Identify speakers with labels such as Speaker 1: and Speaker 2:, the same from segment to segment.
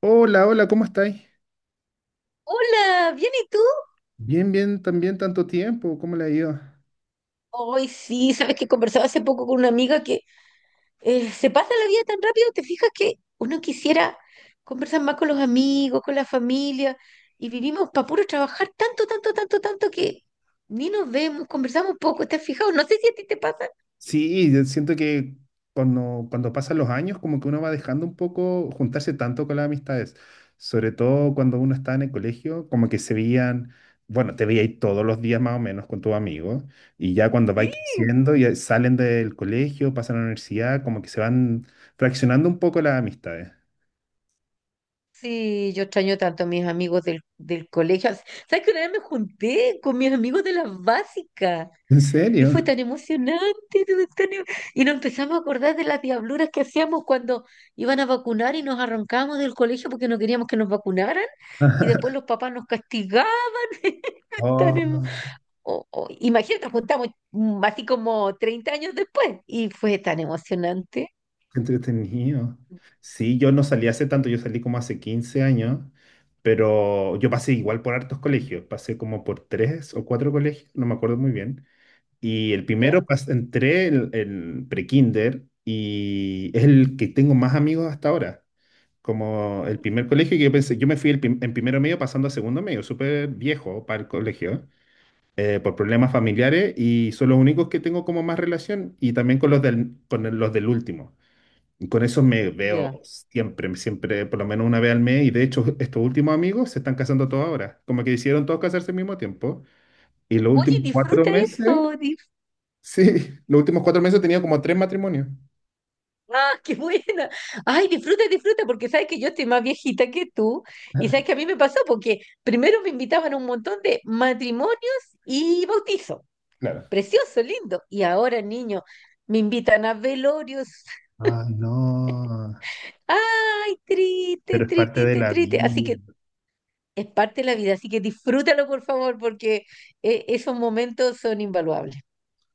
Speaker 1: Hola, hola, ¿cómo estáis?
Speaker 2: Hola, ¿bien y tú?
Speaker 1: Bien, bien, también tanto tiempo, ¿cómo le ha ido?
Speaker 2: Hoy sí, sabes que conversaba hace poco con una amiga que se pasa la vida tan rápido, te fijas que uno quisiera conversar más con los amigos, con la familia, y vivimos para puro trabajar tanto, tanto, tanto, tanto que ni nos vemos, conversamos poco, ¿te has fijado? No sé si a ti te pasa.
Speaker 1: Sí, yo siento que cuando pasan los años, como que uno va dejando un poco juntarse tanto con las amistades, sobre todo cuando uno está en el colegio, como que se veían, bueno, te veías todos los días más o menos con tus amigos, y ya cuando vais
Speaker 2: Sí,
Speaker 1: creciendo, ya salen del colegio, pasan a la universidad, como que se van fraccionando un poco las amistades.
Speaker 2: sí, yo extraño tanto a mis amigos del colegio. ¿Sabes que una vez me junté con mis amigos de la básica?
Speaker 1: ¿En
Speaker 2: Y
Speaker 1: serio?
Speaker 2: fue tan emocionante, todo y nos empezamos a acordar de las diabluras que hacíamos cuando iban a vacunar y nos arrancábamos del colegio porque no queríamos que nos vacunaran, y después los papás nos castigaban. Tan
Speaker 1: Oh.
Speaker 2: em- o- Imagínate, nos juntamos así como 30 años después, y fue tan emocionante.
Speaker 1: Qué entretenido. Sí, yo no salí hace tanto, yo salí como hace 15 años, pero yo pasé igual por hartos colegios, pasé como por tres o cuatro colegios, no me acuerdo muy bien. Y el primero
Speaker 2: ¿Ya?
Speaker 1: entré el pre-kinder y es el que tengo más amigos hasta ahora. Como el
Speaker 2: Mm.
Speaker 1: primer colegio que yo pensé, yo me fui en primero medio pasando a segundo medio, súper viejo para el colegio, por problemas familiares y son los únicos que tengo como más relación y también con los del, los del último. Y con eso me
Speaker 2: Ya.
Speaker 1: veo siempre, siempre, por lo menos una vez al mes. Y de hecho, estos últimos amigos se están casando todos ahora. Como que hicieron todos casarse al mismo tiempo. Y los
Speaker 2: Oye,
Speaker 1: últimos cuatro
Speaker 2: disfruta
Speaker 1: meses,
Speaker 2: eso.
Speaker 1: sí, los últimos 4 meses he tenido como tres matrimonios.
Speaker 2: Ah, qué buena. Ay, disfruta, disfruta, porque sabes que yo estoy más viejita que tú y sabes que a mí me pasó porque primero me invitaban a un montón de matrimonios y bautizos.
Speaker 1: Claro.
Speaker 2: Precioso, lindo. Y ahora, niño, me invitan a velorios.
Speaker 1: Ay, no.
Speaker 2: Ay, triste,
Speaker 1: Pero es parte de
Speaker 2: triste,
Speaker 1: la
Speaker 2: triste. Así
Speaker 1: vida.
Speaker 2: que es parte de la vida, así que disfrútalo, por favor, porque esos momentos son invaluables.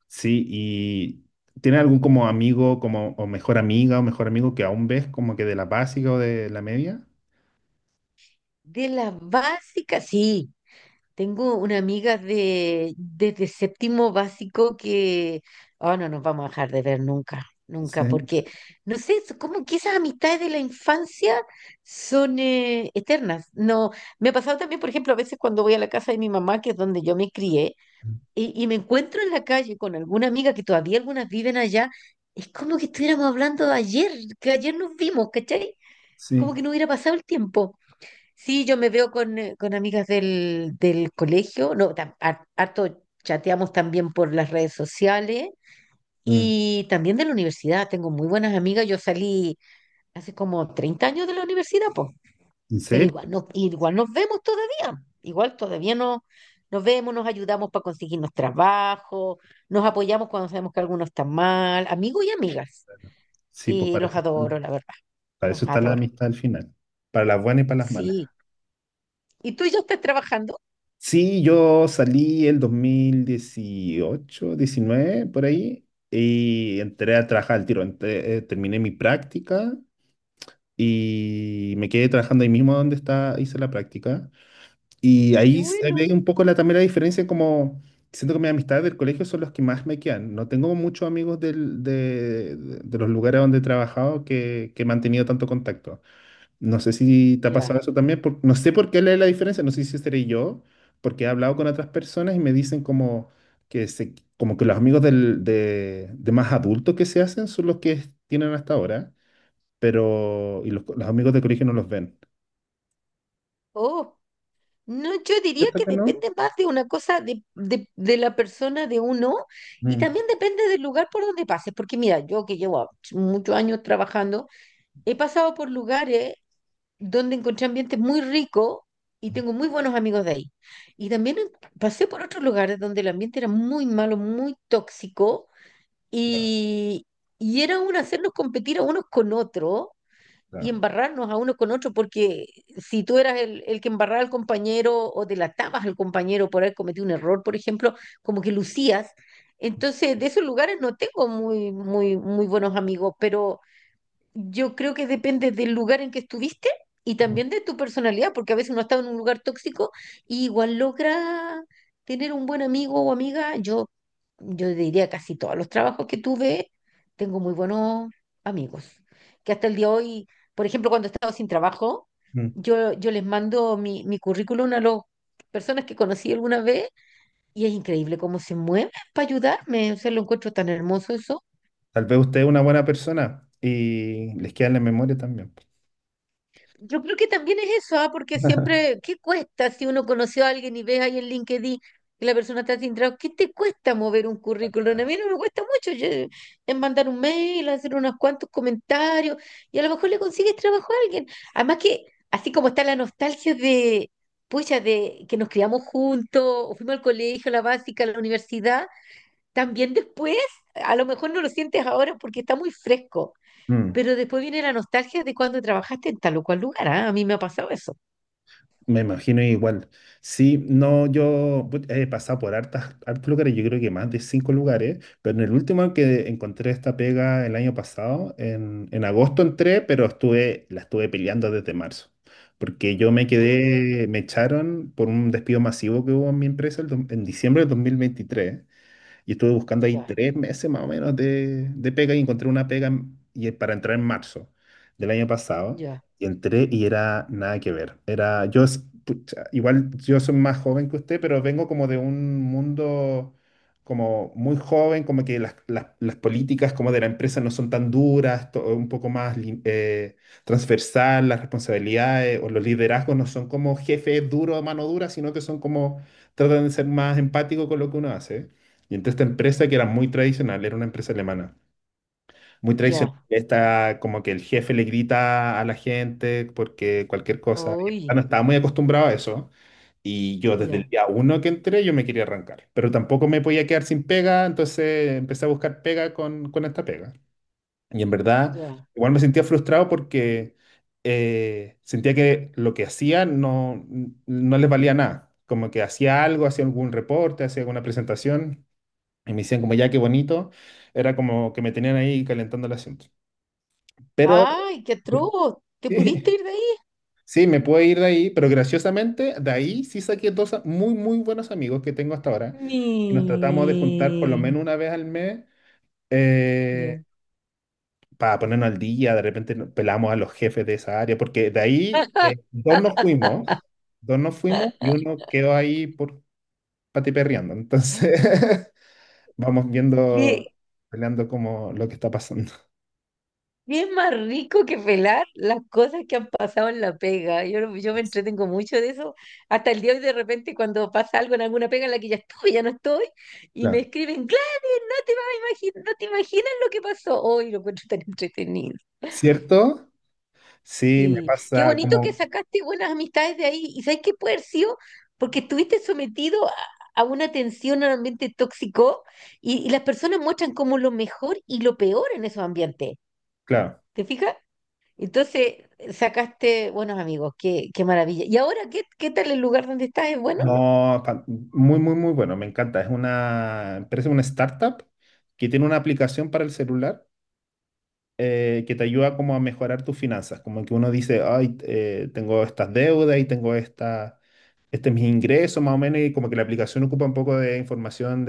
Speaker 1: Sí, y ¿tienes algún como amigo, como, o mejor amiga, o mejor amigo que aún ves como que de la básica o de la media?
Speaker 2: De las básicas, sí. Tengo una amiga desde séptimo básico que, oh, no nos vamos a dejar de ver nunca, nunca,
Speaker 1: Sí,
Speaker 2: porque, no sé, es como que esas amistades de la infancia son eternas. No, me ha pasado también, por ejemplo, a veces cuando voy a la casa de mi mamá, que es donde yo me crié, y me encuentro en la calle con alguna amiga que todavía algunas viven allá, es como que estuviéramos hablando de ayer, que ayer nos vimos, ¿cachai? Es
Speaker 1: sí.
Speaker 2: como que no hubiera pasado el tiempo. Sí, yo me veo con amigas del colegio, no, harto chateamos también por las redes sociales
Speaker 1: Mm.
Speaker 2: y también de la universidad, tengo muy buenas amigas. Yo salí hace como 30 años de la universidad, pues,
Speaker 1: ¿En
Speaker 2: pero
Speaker 1: serio?
Speaker 2: igual, no, igual nos vemos todavía, igual todavía no, nos vemos, nos ayudamos para conseguirnos trabajo, nos apoyamos cuando sabemos que alguno está mal, amigos y amigas,
Speaker 1: Sí, pues
Speaker 2: y los
Speaker 1: parece.
Speaker 2: adoro, la verdad,
Speaker 1: Para
Speaker 2: los
Speaker 1: eso está la
Speaker 2: adoro,
Speaker 1: amistad al final, para las buenas y para las malas.
Speaker 2: sí. ¿Y tú ya estás trabajando?
Speaker 1: Sí, yo salí el 2018, 19 por ahí, y entré a trabajar al tiro. Terminé mi práctica y me quedé trabajando ahí mismo donde está, hice la práctica. Y
Speaker 2: Qué
Speaker 1: ahí se
Speaker 2: bueno,
Speaker 1: ve un poco la, también la diferencia, como siento que mis amistades del colegio son los que más me quedan. No tengo muchos amigos de los lugares donde he trabajado que he mantenido tanto contacto. No sé si te ha
Speaker 2: ya.
Speaker 1: pasado eso también, no sé por qué leer la diferencia, no sé si seré yo, porque he hablado con otras personas y me dicen como que los amigos de más adultos que se hacen son los que tienen hasta ahora, pero y los amigos de colegio no los ven.
Speaker 2: Oh, no, yo diría
Speaker 1: ¿Cierto
Speaker 2: que
Speaker 1: que no?
Speaker 2: depende más de una cosa de la persona de uno, y
Speaker 1: Mm,
Speaker 2: también depende del lugar por donde pases, porque mira, yo que llevo muchos años trabajando, he pasado por lugares donde encontré ambientes muy ricos y tengo muy buenos amigos de ahí. Y también pasé por otros lugares donde el ambiente era muy malo, muy tóxico,
Speaker 1: claro,
Speaker 2: y, y era un hacernos competir a unos con otros y
Speaker 1: claro.
Speaker 2: embarrarnos a uno con otro, porque si tú eras el que embarraba al compañero o delatabas al compañero por haber cometido un error, por ejemplo, como que lucías. Entonces, de esos lugares no tengo muy, muy, muy buenos amigos, pero yo creo que depende del lugar en que estuviste y
Speaker 1: Mm,
Speaker 2: también de tu personalidad, porque a veces uno está en un lugar tóxico y igual logra tener un buen amigo o amiga. Yo diría casi todos los trabajos que tuve, tengo muy buenos amigos, que hasta el día de hoy, por ejemplo, cuando he estado sin trabajo,
Speaker 1: mm.
Speaker 2: yo les mando mi currículum a las personas que conocí alguna vez, y es increíble cómo se mueven para ayudarme. O sea, lo encuentro tan hermoso eso.
Speaker 1: Tal vez usted es una buena persona y les queda en la memoria también.
Speaker 2: Yo creo que también es eso, ¿ah? Porque siempre, ¿qué cuesta si uno conoció a alguien y ves ahí en LinkedIn que la persona está sin trabajo? ¿Qué te cuesta mover un currículum? A mí no me cuesta mucho. Yo, es mandar un mail, hacer unos cuantos comentarios y a lo mejor le consigues trabajo a alguien. Además que, así como está la nostalgia de, pucha, de que nos criamos juntos, o fuimos al colegio, a la básica, a la universidad, también después, a lo mejor no lo sientes ahora porque está muy fresco,
Speaker 1: Mm.
Speaker 2: pero después viene la nostalgia de cuando trabajaste en tal o cual lugar, ¿ah? A mí me ha pasado eso.
Speaker 1: Me imagino igual. Sí, no, he pasado por hartos lugares, yo creo que más de cinco lugares, pero en el último que encontré esta pega el año pasado, en agosto entré, pero la estuve peleando desde marzo, porque yo me quedé, me echaron por un despido masivo que hubo en mi empresa en diciembre del 2023. Y estuve buscando ahí
Speaker 2: Ya,
Speaker 1: 3 meses más o menos de pega y encontré una pega y es para entrar en marzo del año pasado.
Speaker 2: ya,
Speaker 1: Y entré y era nada que ver. Pucha, igual yo soy más joven que usted, pero vengo como de un mundo como muy joven, como que las políticas como de la empresa no son tan duras, un poco más transversal, las responsabilidades o los liderazgos no son como jefes duros, mano dura, sino que son como, tratan de ser más empáticos con lo que uno hace. Y entonces esta empresa que era muy tradicional, era una empresa alemana, muy tradicional,
Speaker 2: ya.
Speaker 1: está como que el jefe le grita a la gente porque cualquier cosa, y en verdad
Speaker 2: Uy,
Speaker 1: no estaba muy acostumbrado a eso. Y yo desde el
Speaker 2: ya,
Speaker 1: día uno que entré, yo me quería arrancar, pero tampoco me podía quedar sin pega, entonces empecé a buscar pega con esta pega. Y en verdad,
Speaker 2: ya.
Speaker 1: igual me sentía frustrado porque sentía que lo que hacía no, no les valía nada. Como que hacía algo, hacía algún reporte, hacía alguna presentación y me decían como, ya, qué bonito. Era como que me tenían ahí calentando el asiento. Pero
Speaker 2: ¡Ay, qué atroz! ¿Te pudiste
Speaker 1: sí,
Speaker 2: ir de ahí?
Speaker 1: sí, me puedo ir de ahí, pero graciosamente, de ahí sí saqué dos muy, muy buenos amigos que tengo hasta ahora. Y nos tratamos de juntar por lo
Speaker 2: Ni.
Speaker 1: menos una vez al mes eh,
Speaker 2: Ya.
Speaker 1: para ponernos al día. De repente nos pelamos a los jefes de esa área, porque de ahí dos nos fuimos y uno quedó ahí por patiperreando. Entonces, vamos viendo,
Speaker 2: ¿Qué,
Speaker 1: peleando como lo que está pasando.
Speaker 2: qué es más rico que pelar las cosas que han pasado en la pega? Yo, no- yo me entretengo mucho de eso. Hasta el día de hoy, de repente, cuando pasa algo en alguna pega en la que ya estuve, ya no estoy, y me
Speaker 1: Claro.
Speaker 2: escriben, claro, no te vas a imaginar, no te imaginas lo que pasó. Hoy lo encuentro tan entretenido.
Speaker 1: ¿Cierto? Sí, me
Speaker 2: Sí, qué
Speaker 1: pasa
Speaker 2: bonito que
Speaker 1: como,
Speaker 2: sacaste buenas amistades de ahí. ¿Y sabes qué puede haber sido? Porque estuviste sometido a, una tensión, a un ambiente tóxico, y las personas muestran como lo mejor y lo peor en esos ambientes.
Speaker 1: claro,
Speaker 2: ¿Te fijas? Entonces sacaste buenos amigos, qué, qué maravilla. ¿Y ahora qué, qué tal el lugar donde estás? ¿Es bueno?
Speaker 1: no, muy, muy, muy bueno, me encanta. Es una empresa, una startup que tiene una aplicación para el celular que te ayuda como a mejorar tus finanzas. Como que uno dice, ay, tengo estas deudas y tengo este es mi ingreso más o menos y como que la aplicación ocupa un poco de información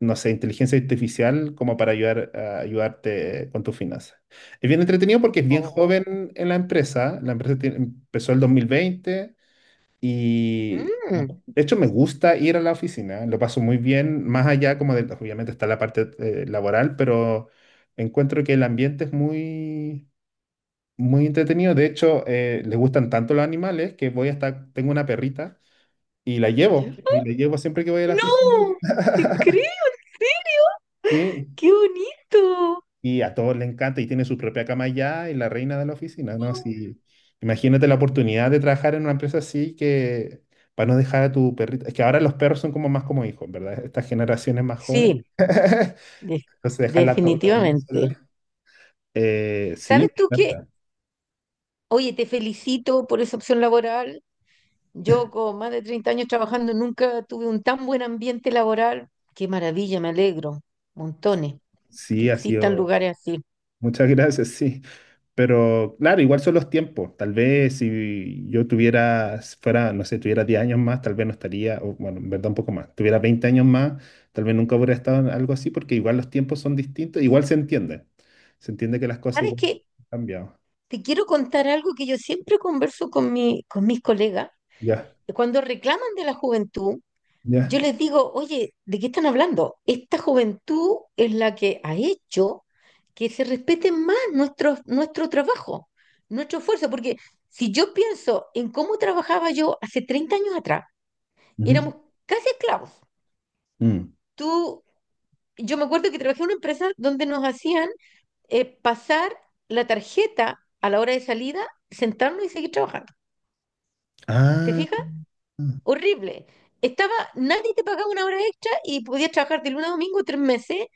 Speaker 1: no sé, inteligencia artificial como para ayudar a ayudarte con tus finanzas. Es bien entretenido porque es bien
Speaker 2: Oh.
Speaker 1: joven en la empresa. La empresa empezó el 2020 y
Speaker 2: Mm.
Speaker 1: bueno, de hecho me gusta ir a la oficina, lo paso muy bien, más allá como de, obviamente está la parte laboral, pero encuentro que el ambiente es muy, muy entretenido. De hecho, les gustan tanto los animales que voy hasta, tengo una perrita
Speaker 2: Ya.
Speaker 1: y la llevo siempre que voy a la oficina.
Speaker 2: No, te creo,
Speaker 1: Sí,
Speaker 2: qué bonito.
Speaker 1: y a todos les encanta y tiene su propia cama ya y la reina de la oficina, ¿no? Así, imagínate la oportunidad de trabajar en una empresa así que para no dejar a tu perrito. Es que ahora los perros son como más como hijos, ¿verdad? Estas generaciones más jóvenes.
Speaker 2: Sí, de-
Speaker 1: Entonces, dejarla todo, todo el día sola.
Speaker 2: definitivamente.
Speaker 1: Sí,
Speaker 2: Sabes tú
Speaker 1: me
Speaker 2: que,
Speaker 1: encanta.
Speaker 2: oye, te felicito por esa opción laboral. Yo con más de 30 años trabajando nunca tuve un tan buen ambiente laboral. Qué maravilla, me alegro. Montones, que
Speaker 1: Sí, ha
Speaker 2: existan
Speaker 1: sido.
Speaker 2: lugares así.
Speaker 1: Muchas gracias, sí. Pero claro, igual son los tiempos. Tal vez si yo tuviera, si fuera, no sé, tuviera 10 años más, tal vez no estaría, o, bueno, en verdad un poco más, tuviera 20 años más, tal vez nunca hubiera estado en algo así, porque igual los tiempos son distintos, igual se entiende. Se entiende que las cosas
Speaker 2: ¿Sabes
Speaker 1: igual han
Speaker 2: qué?
Speaker 1: cambiado.
Speaker 2: Te quiero contar algo que yo siempre converso con con mis colegas,
Speaker 1: Ya,
Speaker 2: que cuando reclaman de la juventud,
Speaker 1: ya.
Speaker 2: yo les digo, oye, ¿de qué están hablando? Esta juventud es la que ha hecho que se respete más nuestro trabajo, nuestro esfuerzo, porque si yo pienso en cómo trabajaba yo hace 30 años atrás,
Speaker 1: Ujú,
Speaker 2: éramos casi esclavos.
Speaker 1: mm.
Speaker 2: Tú, yo me acuerdo que trabajé en una empresa donde nos hacían pasar la tarjeta a la hora de salida, sentarnos y seguir trabajando. ¿Te fijas?
Speaker 1: Ah,
Speaker 2: Horrible. Estaba, nadie te pagaba una hora extra y podías trabajar de lunes a domingo 3 meses,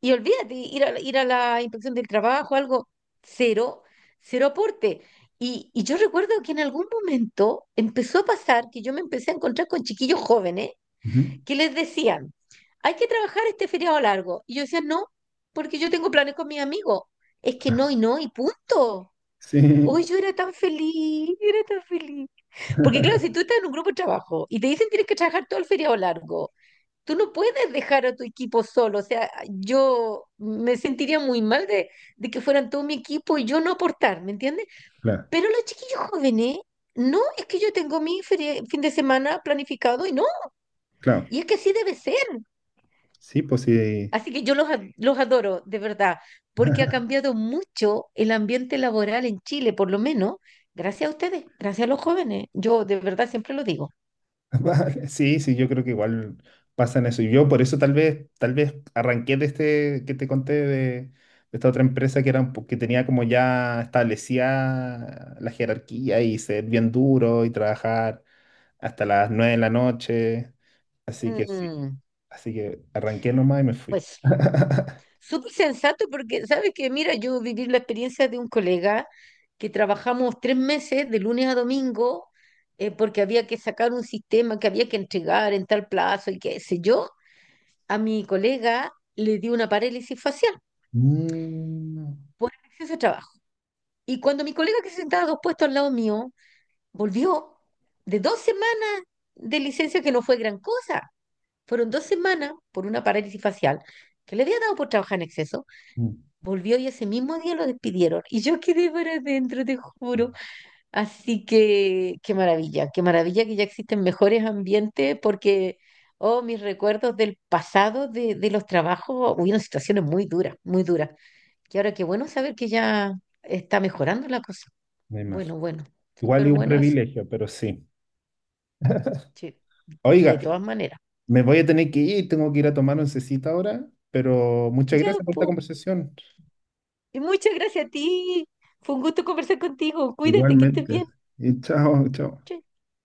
Speaker 2: y olvídate, ir a la inspección del trabajo, algo, cero, cero aporte. Y yo recuerdo que en algún momento empezó a pasar que yo me empecé a encontrar con chiquillos jóvenes
Speaker 1: ujú.
Speaker 2: que les decían, hay que trabajar este feriado largo. Y yo decía, no, porque yo tengo planes con mis amigos. Es que
Speaker 1: Ah,
Speaker 2: no y no y punto.
Speaker 1: sí,
Speaker 2: Hoy yo era tan feliz, era tan feliz. Porque claro, si tú estás en un grupo de trabajo y te dicen tienes que trabajar todo el feriado largo, tú no puedes dejar a tu equipo solo. O sea, yo me sentiría muy mal de, que fueran todo mi equipo y yo no aportar, ¿me entiendes?
Speaker 1: claro,
Speaker 2: Pero los chiquillos jóvenes, no, es que yo tengo mi fin de semana planificado y no,
Speaker 1: claro.
Speaker 2: y es que así debe ser.
Speaker 1: Sí, pues sí.
Speaker 2: Así que yo los, los adoro, de verdad, porque ha cambiado mucho el ambiente laboral en Chile, por lo menos, gracias a ustedes, gracias a los jóvenes. Yo de verdad siempre lo digo.
Speaker 1: Vale, sí, sí, yo creo que igual pasa en eso. Y yo por eso tal vez arranqué de este que te conté de esta otra empresa que era que tenía como ya establecía la jerarquía y ser bien duro y trabajar hasta las 9 de la noche. Así que sí.
Speaker 2: Mm,
Speaker 1: Así que arranqué nomás y me fui.
Speaker 2: pues. Súper sensato porque, ¿sabes que Mira, yo viví la experiencia de un colega, que trabajamos 3 meses de lunes a domingo, porque había que sacar un sistema que había que entregar en tal plazo y qué sé yo. A mi colega le dio una parálisis facial
Speaker 1: Mm,
Speaker 2: por el exceso de trabajo. Y cuando mi colega, que se sentaba dos puestos al lado mío, volvió de 2 semanas de licencia que no fue gran cosa, fueron 2 semanas por una parálisis facial que le había dado por trabajar en exceso,
Speaker 1: mm,
Speaker 2: volvió y ese mismo día lo despidieron. Y yo quedé para adentro, te juro. Así que qué maravilla que ya existen mejores ambientes, porque, oh, mis recuerdos del pasado, de los trabajos, hubieron situaciones muy duras, muy duras. Y ahora qué bueno saber que ya está mejorando la cosa.
Speaker 1: me imagino.
Speaker 2: Bueno, bueno,
Speaker 1: Igual
Speaker 2: súper
Speaker 1: es un
Speaker 2: bueno eso.
Speaker 1: privilegio, pero sí.
Speaker 2: Sí, de
Speaker 1: Oiga,
Speaker 2: todas maneras.
Speaker 1: me voy a tener que ir, tengo que ir a tomar oncecita ahora, pero muchas
Speaker 2: Ya,
Speaker 1: gracias por esta
Speaker 2: po.
Speaker 1: conversación.
Speaker 2: Y muchas gracias a ti. Fue un gusto conversar contigo. Cuídate, que estés
Speaker 1: Igualmente.
Speaker 2: bien.
Speaker 1: Y chao, chao.